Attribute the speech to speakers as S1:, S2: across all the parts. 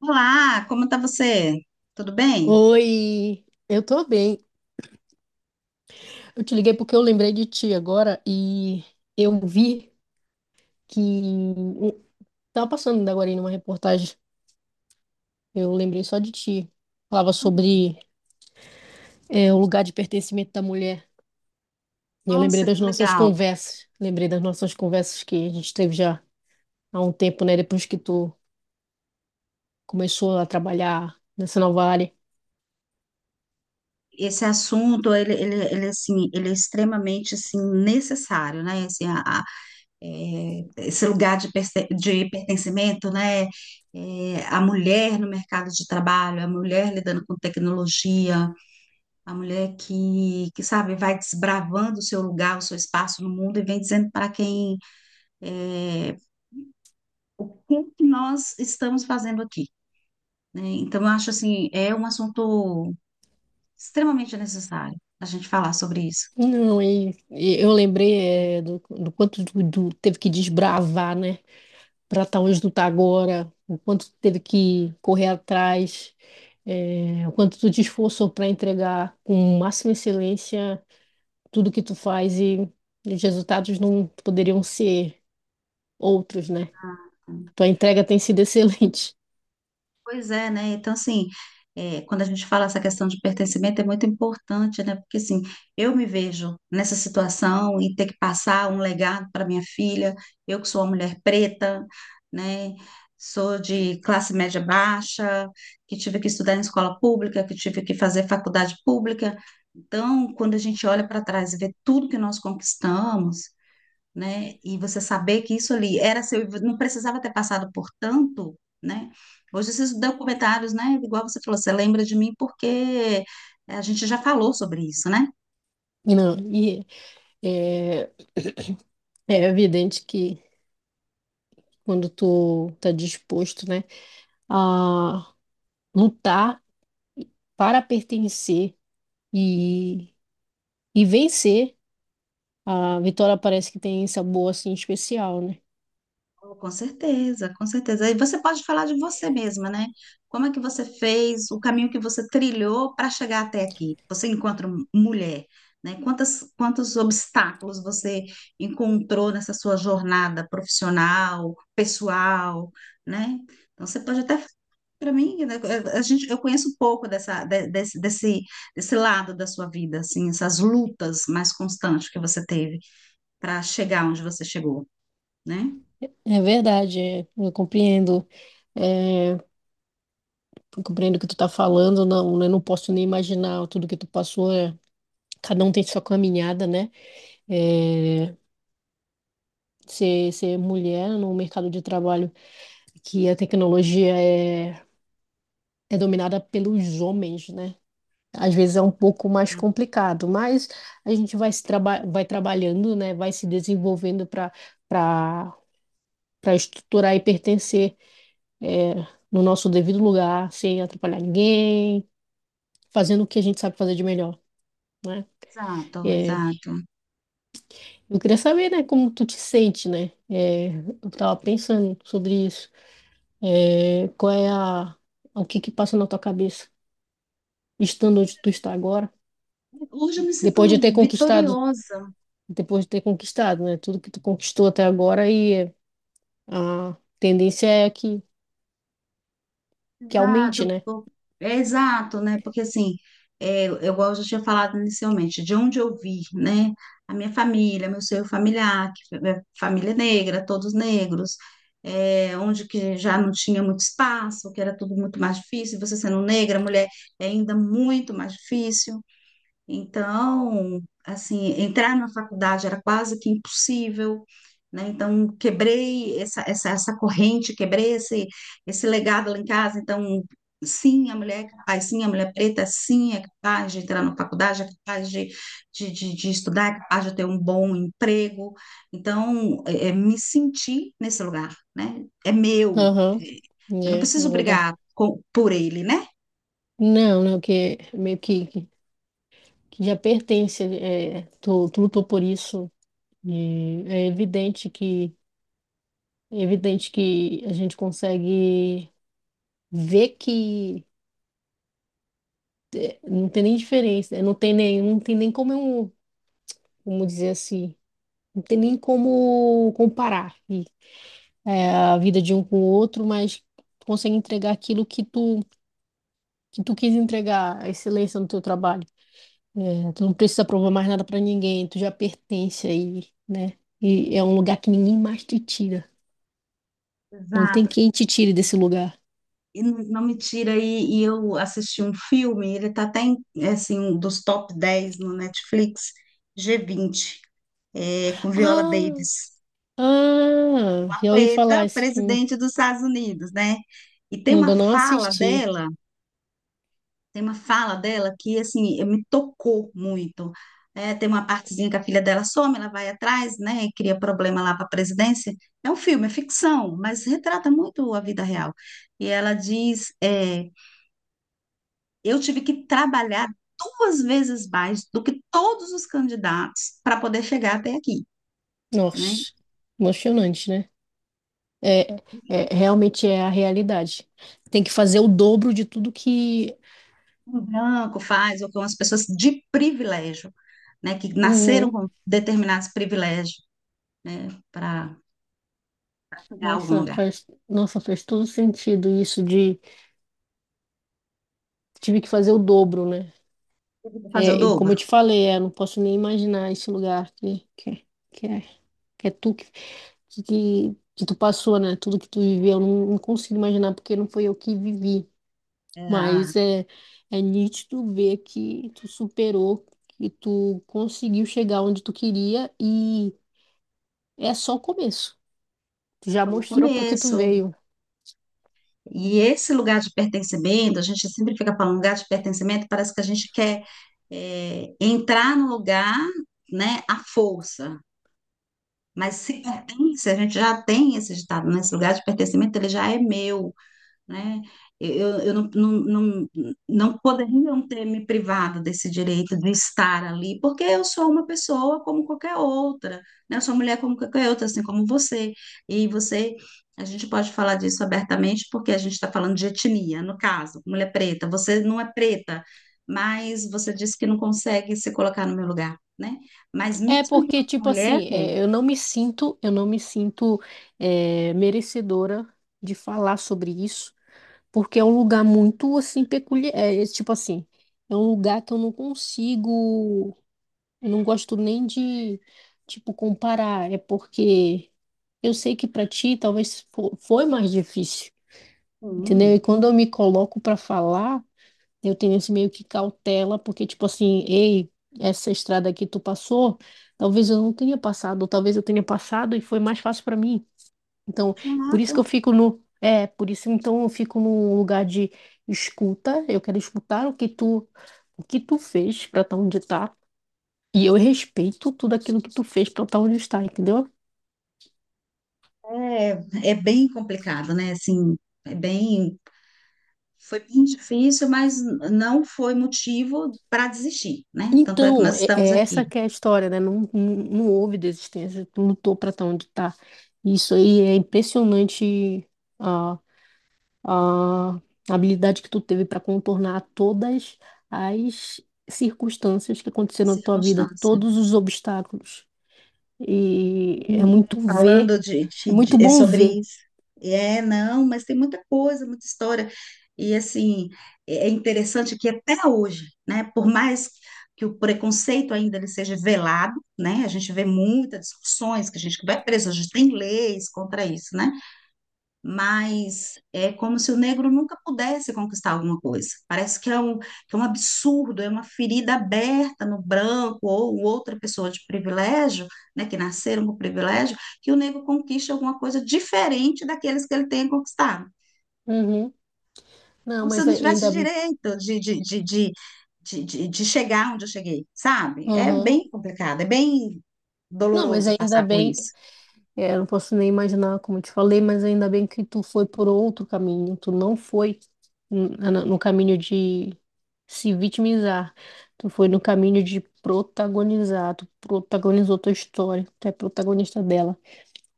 S1: Olá, como está você? Tudo bem?
S2: Oi, eu tô bem. Eu te liguei porque eu lembrei de ti agora e eu vi que tava passando agora aí numa reportagem. Eu lembrei só de ti. Falava
S1: Hum,
S2: sobre o lugar de pertencimento da mulher. E eu lembrei
S1: Nossa,
S2: das
S1: que
S2: nossas
S1: legal.
S2: conversas. Lembrei das nossas conversas que a gente teve já há um tempo, né? Depois que tu começou a trabalhar nessa nova área.
S1: Esse assunto, ele é extremamente, assim, necessário, né? Assim, esse lugar de, de pertencimento, né? É, a mulher no mercado de trabalho, a mulher lidando com tecnologia, a mulher que sabe, vai desbravando o seu lugar, o seu espaço no mundo e vem dizendo para quem, é, o que que nós estamos fazendo aqui, né? Então, eu acho assim, é um assunto extremamente necessário a gente falar sobre isso.
S2: Não, e eu lembrei do quanto tu teve que desbravar, né? Para estar onde tu tá agora, o quanto tu teve que correr atrás, o quanto tu te esforçou para entregar com máxima excelência tudo que tu faz e, os resultados não poderiam ser outros, né? Tua entrega tem sido excelente.
S1: Pois é, né? Então, assim, quando a gente fala essa questão de pertencimento, é muito importante, né? Porque, assim, eu me vejo nessa situação e ter que passar um legado para minha filha, eu que sou uma mulher preta, né? Sou de classe média baixa, que tive que estudar em escola pública, que tive que fazer faculdade pública. Então, quando a gente olha para trás e vê tudo que nós conquistamos, né? E você saber que isso ali era seu, não precisava ter passado por tanto, né? Hoje esses documentários, né? Igual você falou, você lembra de mim porque a gente já falou sobre isso, né?
S2: E não, e é, é evidente que quando tu tá disposto, né, a lutar para pertencer e, e vencer, a vitória parece que tem sabor assim especial, né?
S1: Oh, com certeza, com certeza. E você pode falar de você mesma, né? Como é que você fez, o caminho que você trilhou para chegar até aqui? Você encontra mulher, né? Quantos obstáculos você encontrou nessa sua jornada profissional, pessoal, né? Então, você pode até, para mim, né, eu conheço pouco desse desse, lado da sua vida, assim, essas lutas mais constantes que você teve para chegar onde você chegou, né?
S2: É verdade, eu compreendo. É, eu compreendo o que tu tá falando, não, eu não posso nem imaginar tudo que tu passou. Cada um tem sua caminhada, né? É, ser mulher no mercado de trabalho, que a tecnologia é dominada pelos homens, né? Às vezes é um pouco mais complicado, mas a gente vai trabalhando, né? Vai se desenvolvendo para para para estruturar e pertencer, é, no nosso devido lugar, sem atrapalhar ninguém fazendo o que a gente sabe fazer de melhor, né?
S1: Exato,
S2: É,
S1: exato.
S2: eu queria saber, né, como tu te sente, né? É, eu tava pensando sobre isso. Qual é o que que passa na tua cabeça, estando onde tu está agora,
S1: Hoje eu me sinto
S2: depois de ter conquistado,
S1: vitoriosa.
S2: né, tudo que tu conquistou até agora e a tendência é que aumente,
S1: Exato,
S2: né?
S1: pô. É exato, né? Porque assim, eu, igual eu já tinha falado inicialmente, de onde eu vi, né? A minha família, meu seio familiar, que é família é negra, todos negros, onde que já não tinha muito espaço, que era tudo muito mais difícil, você sendo negra, mulher, é ainda muito mais difícil. Então, assim, entrar na faculdade era quase que impossível, né? Então, quebrei essa corrente, quebrei esse, esse legado lá em casa. Então, sim, a mulher é capaz, sim, a mulher preta, sim, é capaz de entrar na faculdade, é capaz de estudar, é capaz de ter um bom emprego. Então, me senti nesse lugar, né? É meu.
S2: Aham.
S1: Eu não
S2: É, é
S1: preciso
S2: um lugar.
S1: brigar por ele, né?
S2: Não, né, que meio que já pertence, é, tu lutou por isso. E é evidente que a gente consegue ver que não tem nem diferença, né? Não tem nem como, como dizer assim, não tem nem como comparar e, a vida de um com o outro, mas tu consegue entregar aquilo que tu quis entregar, a excelência no teu trabalho. É, tu não precisa provar mais nada para ninguém, tu já pertence aí, né? E é um lugar que ninguém mais te tira. Não tem
S1: Exato.
S2: quem te tire desse lugar.
S1: E não, não me tira aí, e eu assisti um filme, ele tá até em, é assim, um dos top 10 no Netflix, G20, é, com Viola
S2: Ah,
S1: Davis,
S2: Ah,
S1: uma
S2: já ouvi falar
S1: preta,
S2: esse filme.
S1: presidente dos Estados Unidos, né? E tem uma
S2: Ainda não
S1: fala
S2: assisti.
S1: dela, tem uma fala dela que, assim, me tocou muito. É, tem uma partezinha que a filha dela some, ela vai atrás, né, e cria problema lá para a presidência. É um filme, é ficção, mas retrata muito a vida real. E ela diz, eu tive que trabalhar 2 vezes mais do que todos os candidatos para poder chegar até aqui, né?
S2: Nossa, emocionante, né? É, realmente é a realidade. Tem que fazer o dobro de tudo que.
S1: Um branco faz, ou com as pessoas de privilégio, né? Que nasceram
S2: Uhum.
S1: com determinados privilégios, né? Para chegar a algum
S2: Nossa,
S1: lugar.
S2: nossa, faz todo sentido isso de tive que fazer o dobro, né?
S1: Tive que fazer o
S2: É, e
S1: dobro.
S2: como eu te falei, não posso nem imaginar esse lugar que que é tu que tu passou, né? Tudo que tu viveu, eu não, não consigo imaginar porque não foi eu que vivi.
S1: É,
S2: Mas é nítido ver que tu superou, que tu conseguiu chegar onde tu queria e é só o começo. Tu já
S1: foi o
S2: mostrou para que tu
S1: começo.
S2: veio.
S1: E esse lugar de pertencimento, a gente sempre fica falando lugar de pertencimento, parece que a gente quer, entrar no lugar, né? À força. Mas se pertence, a gente já tem esse ditado, né? Esse lugar de pertencimento, ele já é meu, né? Eu não poderia não ter me privado desse direito de estar ali, porque eu sou uma pessoa como qualquer outra, né? Eu sou mulher como qualquer outra, assim como você. E você, a gente pode falar disso abertamente, porque a gente está falando de etnia, no caso, mulher preta. Você não é preta, mas você disse que não consegue se colocar no meu lugar, né? Mas
S2: É
S1: mesmo
S2: porque,
S1: enquanto
S2: tipo
S1: mulher,
S2: assim, é, eu não me sinto merecedora de falar sobre isso, porque é um lugar muito, assim, peculiar. Tipo assim, é um lugar que eu não consigo, eu não gosto nem de, tipo, comparar. É porque eu sei que para ti talvez foi mais difícil, entendeu? E
S1: sim.
S2: quando eu me coloco para falar, eu tenho esse meio que cautela, porque tipo assim, ei, essa estrada que tu passou, talvez eu não tenha passado, ou talvez eu tenha passado e foi mais fácil para mim. Então, por isso
S1: Exato.
S2: que eu fico no, é, por isso então eu fico num lugar de escuta, eu quero escutar o que tu fez para estar onde tá, e eu respeito tudo aquilo que tu fez para estar onde está, entendeu?
S1: É, é bem complicado, né? Assim, é bem, foi bem difícil, mas não foi motivo para desistir, né? Tanto é que
S2: Então,
S1: nós estamos
S2: é
S1: aqui,
S2: essa que é a história, né? Não houve desistência, tu lutou para estar onde tá. Isso aí é impressionante a, a habilidade que tu teve para contornar todas as circunstâncias que aconteceram na tua vida,
S1: circunstância.
S2: todos os obstáculos. E é muito ver,
S1: Falando de,
S2: é muito
S1: é
S2: bom
S1: sobre
S2: ver.
S1: isso. É, não, mas tem muita coisa, muita história. E assim, é é interessante que até hoje, né? Por mais que o preconceito ainda ele seja velado, né? A gente vê muitas discussões que a gente que vai preso, a gente tem leis contra isso, né? Mas é como se o negro nunca pudesse conquistar alguma coisa. Parece que é um absurdo, é uma ferida aberta no branco ou outra pessoa de privilégio, né, que nasceram com privilégio, que o negro conquiste alguma coisa diferente daqueles que ele tem conquistado.
S2: Uhum. Não,
S1: Como se eu
S2: mas
S1: não tivesse
S2: ainda,
S1: direito de chegar onde eu cheguei, sabe? É
S2: aham.
S1: bem complicado, é bem
S2: Não, mas
S1: doloroso
S2: ainda
S1: passar por
S2: bem,
S1: isso.
S2: é, eu não posso nem imaginar como eu te falei, mas ainda bem que tu foi por outro caminho. Tu não foi no caminho de se vitimizar. Tu foi no caminho de protagonizar. Tu protagonizou tua história. Tu é protagonista dela.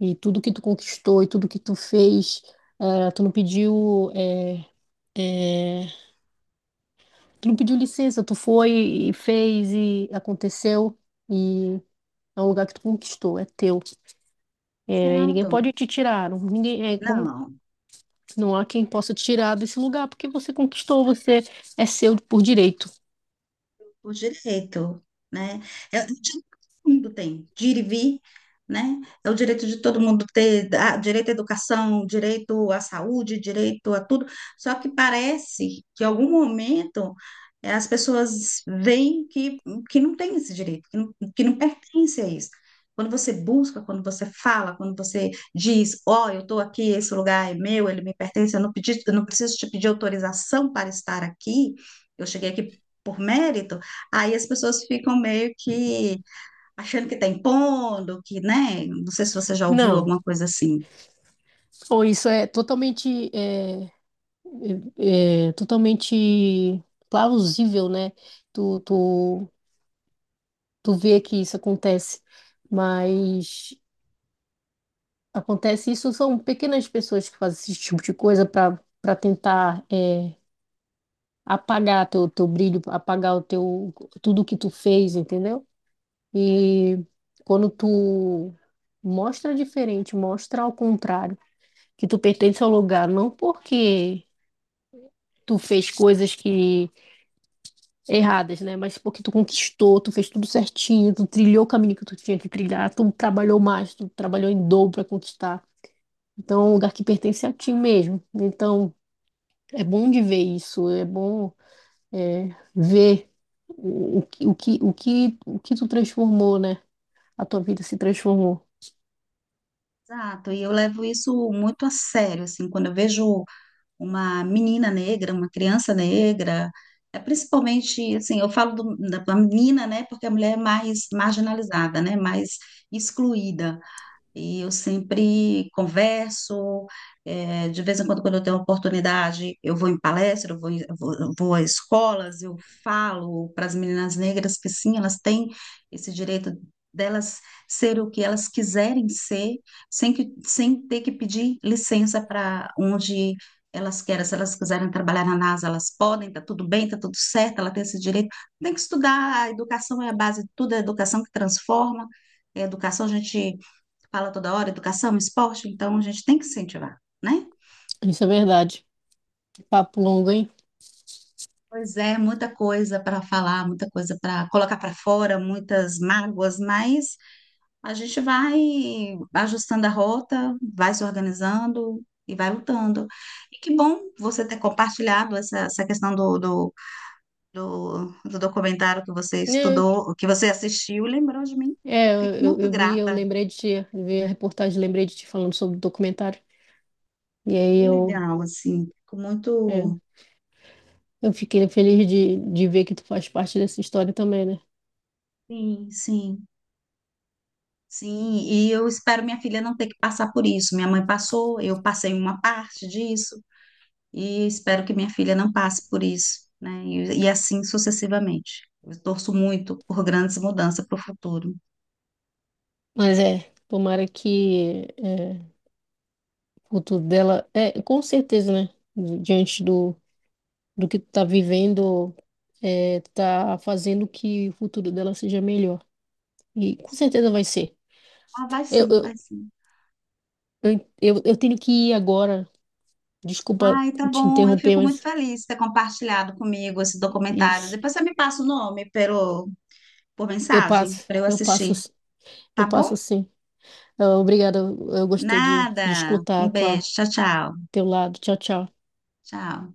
S2: E tudo que tu conquistou e tudo que tu fez, tu não pediu, tu não pediu licença. Tu foi e fez e aconteceu. E é um lugar que tu conquistou, é teu. É, e ninguém
S1: Exato.
S2: pode te tirar. Ninguém, é como
S1: Não,
S2: não há quem possa tirar desse lugar porque você conquistou, você é seu por direito.
S1: o direito, né? É o direito que todo mundo tem, de ir e vir, né? É o direito de todo mundo ter, ah, direito à educação, direito à saúde, direito a tudo. Só que parece que em algum momento, eh, as pessoas veem que não tem esse direito, que não pertence a isso. Quando você busca, quando você fala, quando você diz, ó, eu estou aqui, esse lugar é meu, ele me pertence, eu não pedi, eu não preciso te pedir autorização para estar aqui, eu cheguei aqui por mérito. Aí as pessoas ficam meio que achando que está impondo, que, né? Não sei se você já ouviu
S2: Não.
S1: alguma coisa assim.
S2: Ou isso é totalmente, é totalmente plausível, né? Tu, tu, tu vê que isso acontece, mas acontece isso são pequenas pessoas que fazem esse tipo de coisa para tentar apagar teu brilho, apagar o teu tudo que tu fez, entendeu? E quando tu mostra diferente, mostra ao contrário, que tu pertence ao lugar, não porque tu fez coisas que erradas, né? Mas porque tu conquistou, tu fez tudo certinho, tu trilhou o caminho que tu tinha que trilhar, tu trabalhou mais, tu trabalhou em dobro para conquistar. Então, é um lugar que pertence a ti mesmo. Então, é bom de ver isso, é bom é, ver o que tu transformou, né? A tua vida se transformou.
S1: Exato, e eu levo isso muito a sério, assim, quando eu vejo uma menina negra, uma criança negra, é principalmente, assim, eu falo da da menina, né, porque a mulher é mais marginalizada, né, mais excluída. E eu sempre converso, eh, de vez em quando, quando eu tenho oportunidade, eu vou em palestra, eu vou a escolas, eu falo para as meninas negras que sim, elas têm esse direito delas ser o que elas quiserem ser, sem que, sem ter que pedir licença para onde elas querem. Se elas quiserem trabalhar na NASA, elas podem, tá tudo bem, tá tudo certo, ela tem esse direito. Tem que estudar, a educação é a base de tudo, é a educação que transforma. É a educação, a gente fala toda hora, educação, esporte, então a gente tem que incentivar, né?
S2: Isso é verdade. Papo longo, hein?
S1: Pois é, muita coisa para falar, muita coisa para colocar para fora, muitas mágoas, mas a gente vai ajustando a rota, vai se organizando e vai lutando. E que bom você ter compartilhado essa, essa questão do documentário que você
S2: É,
S1: estudou, que você assistiu, lembrou de mim.
S2: é
S1: Fico muito
S2: eu vi, eu
S1: grata.
S2: lembrei de ti, eu vi a reportagem, lembrei de ti falando sobre o documentário. E
S1: Que
S2: aí eu,
S1: legal, assim. Fico
S2: é,
S1: muito.
S2: eu fiquei feliz de ver que tu faz parte dessa história também, né?
S1: Sim, sim. Sim, e eu espero minha filha não ter que passar por isso. Minha mãe passou, eu passei uma parte disso, e espero que minha filha não passe por isso, né? E assim sucessivamente. Eu torço muito por grandes mudanças para o futuro.
S2: Mas tomara que o futuro dela, é, com certeza, né? Diante do que tu tá vivendo, é, tá fazendo que o futuro dela seja melhor. E com certeza vai ser.
S1: Ah, vai
S2: Eu,
S1: sim, vai
S2: eu,
S1: sim.
S2: eu, eu tenho que ir agora. Desculpa
S1: Ai, tá
S2: te
S1: bom. Eu
S2: interromper,
S1: fico muito
S2: mas
S1: feliz de ter compartilhado comigo esse documentário.
S2: isso.
S1: Depois você me passa o nome pelo, por
S2: Eu
S1: mensagem
S2: passo,
S1: para eu
S2: eu passo,
S1: assistir,
S2: s- eu
S1: tá
S2: passo
S1: bom?
S2: sim. Ah, obrigada, eu gostei de
S1: Nada.
S2: escutar
S1: Um
S2: a
S1: beijo. Tchau, tchau.
S2: teu lado. Tchau, tchau.
S1: Tchau.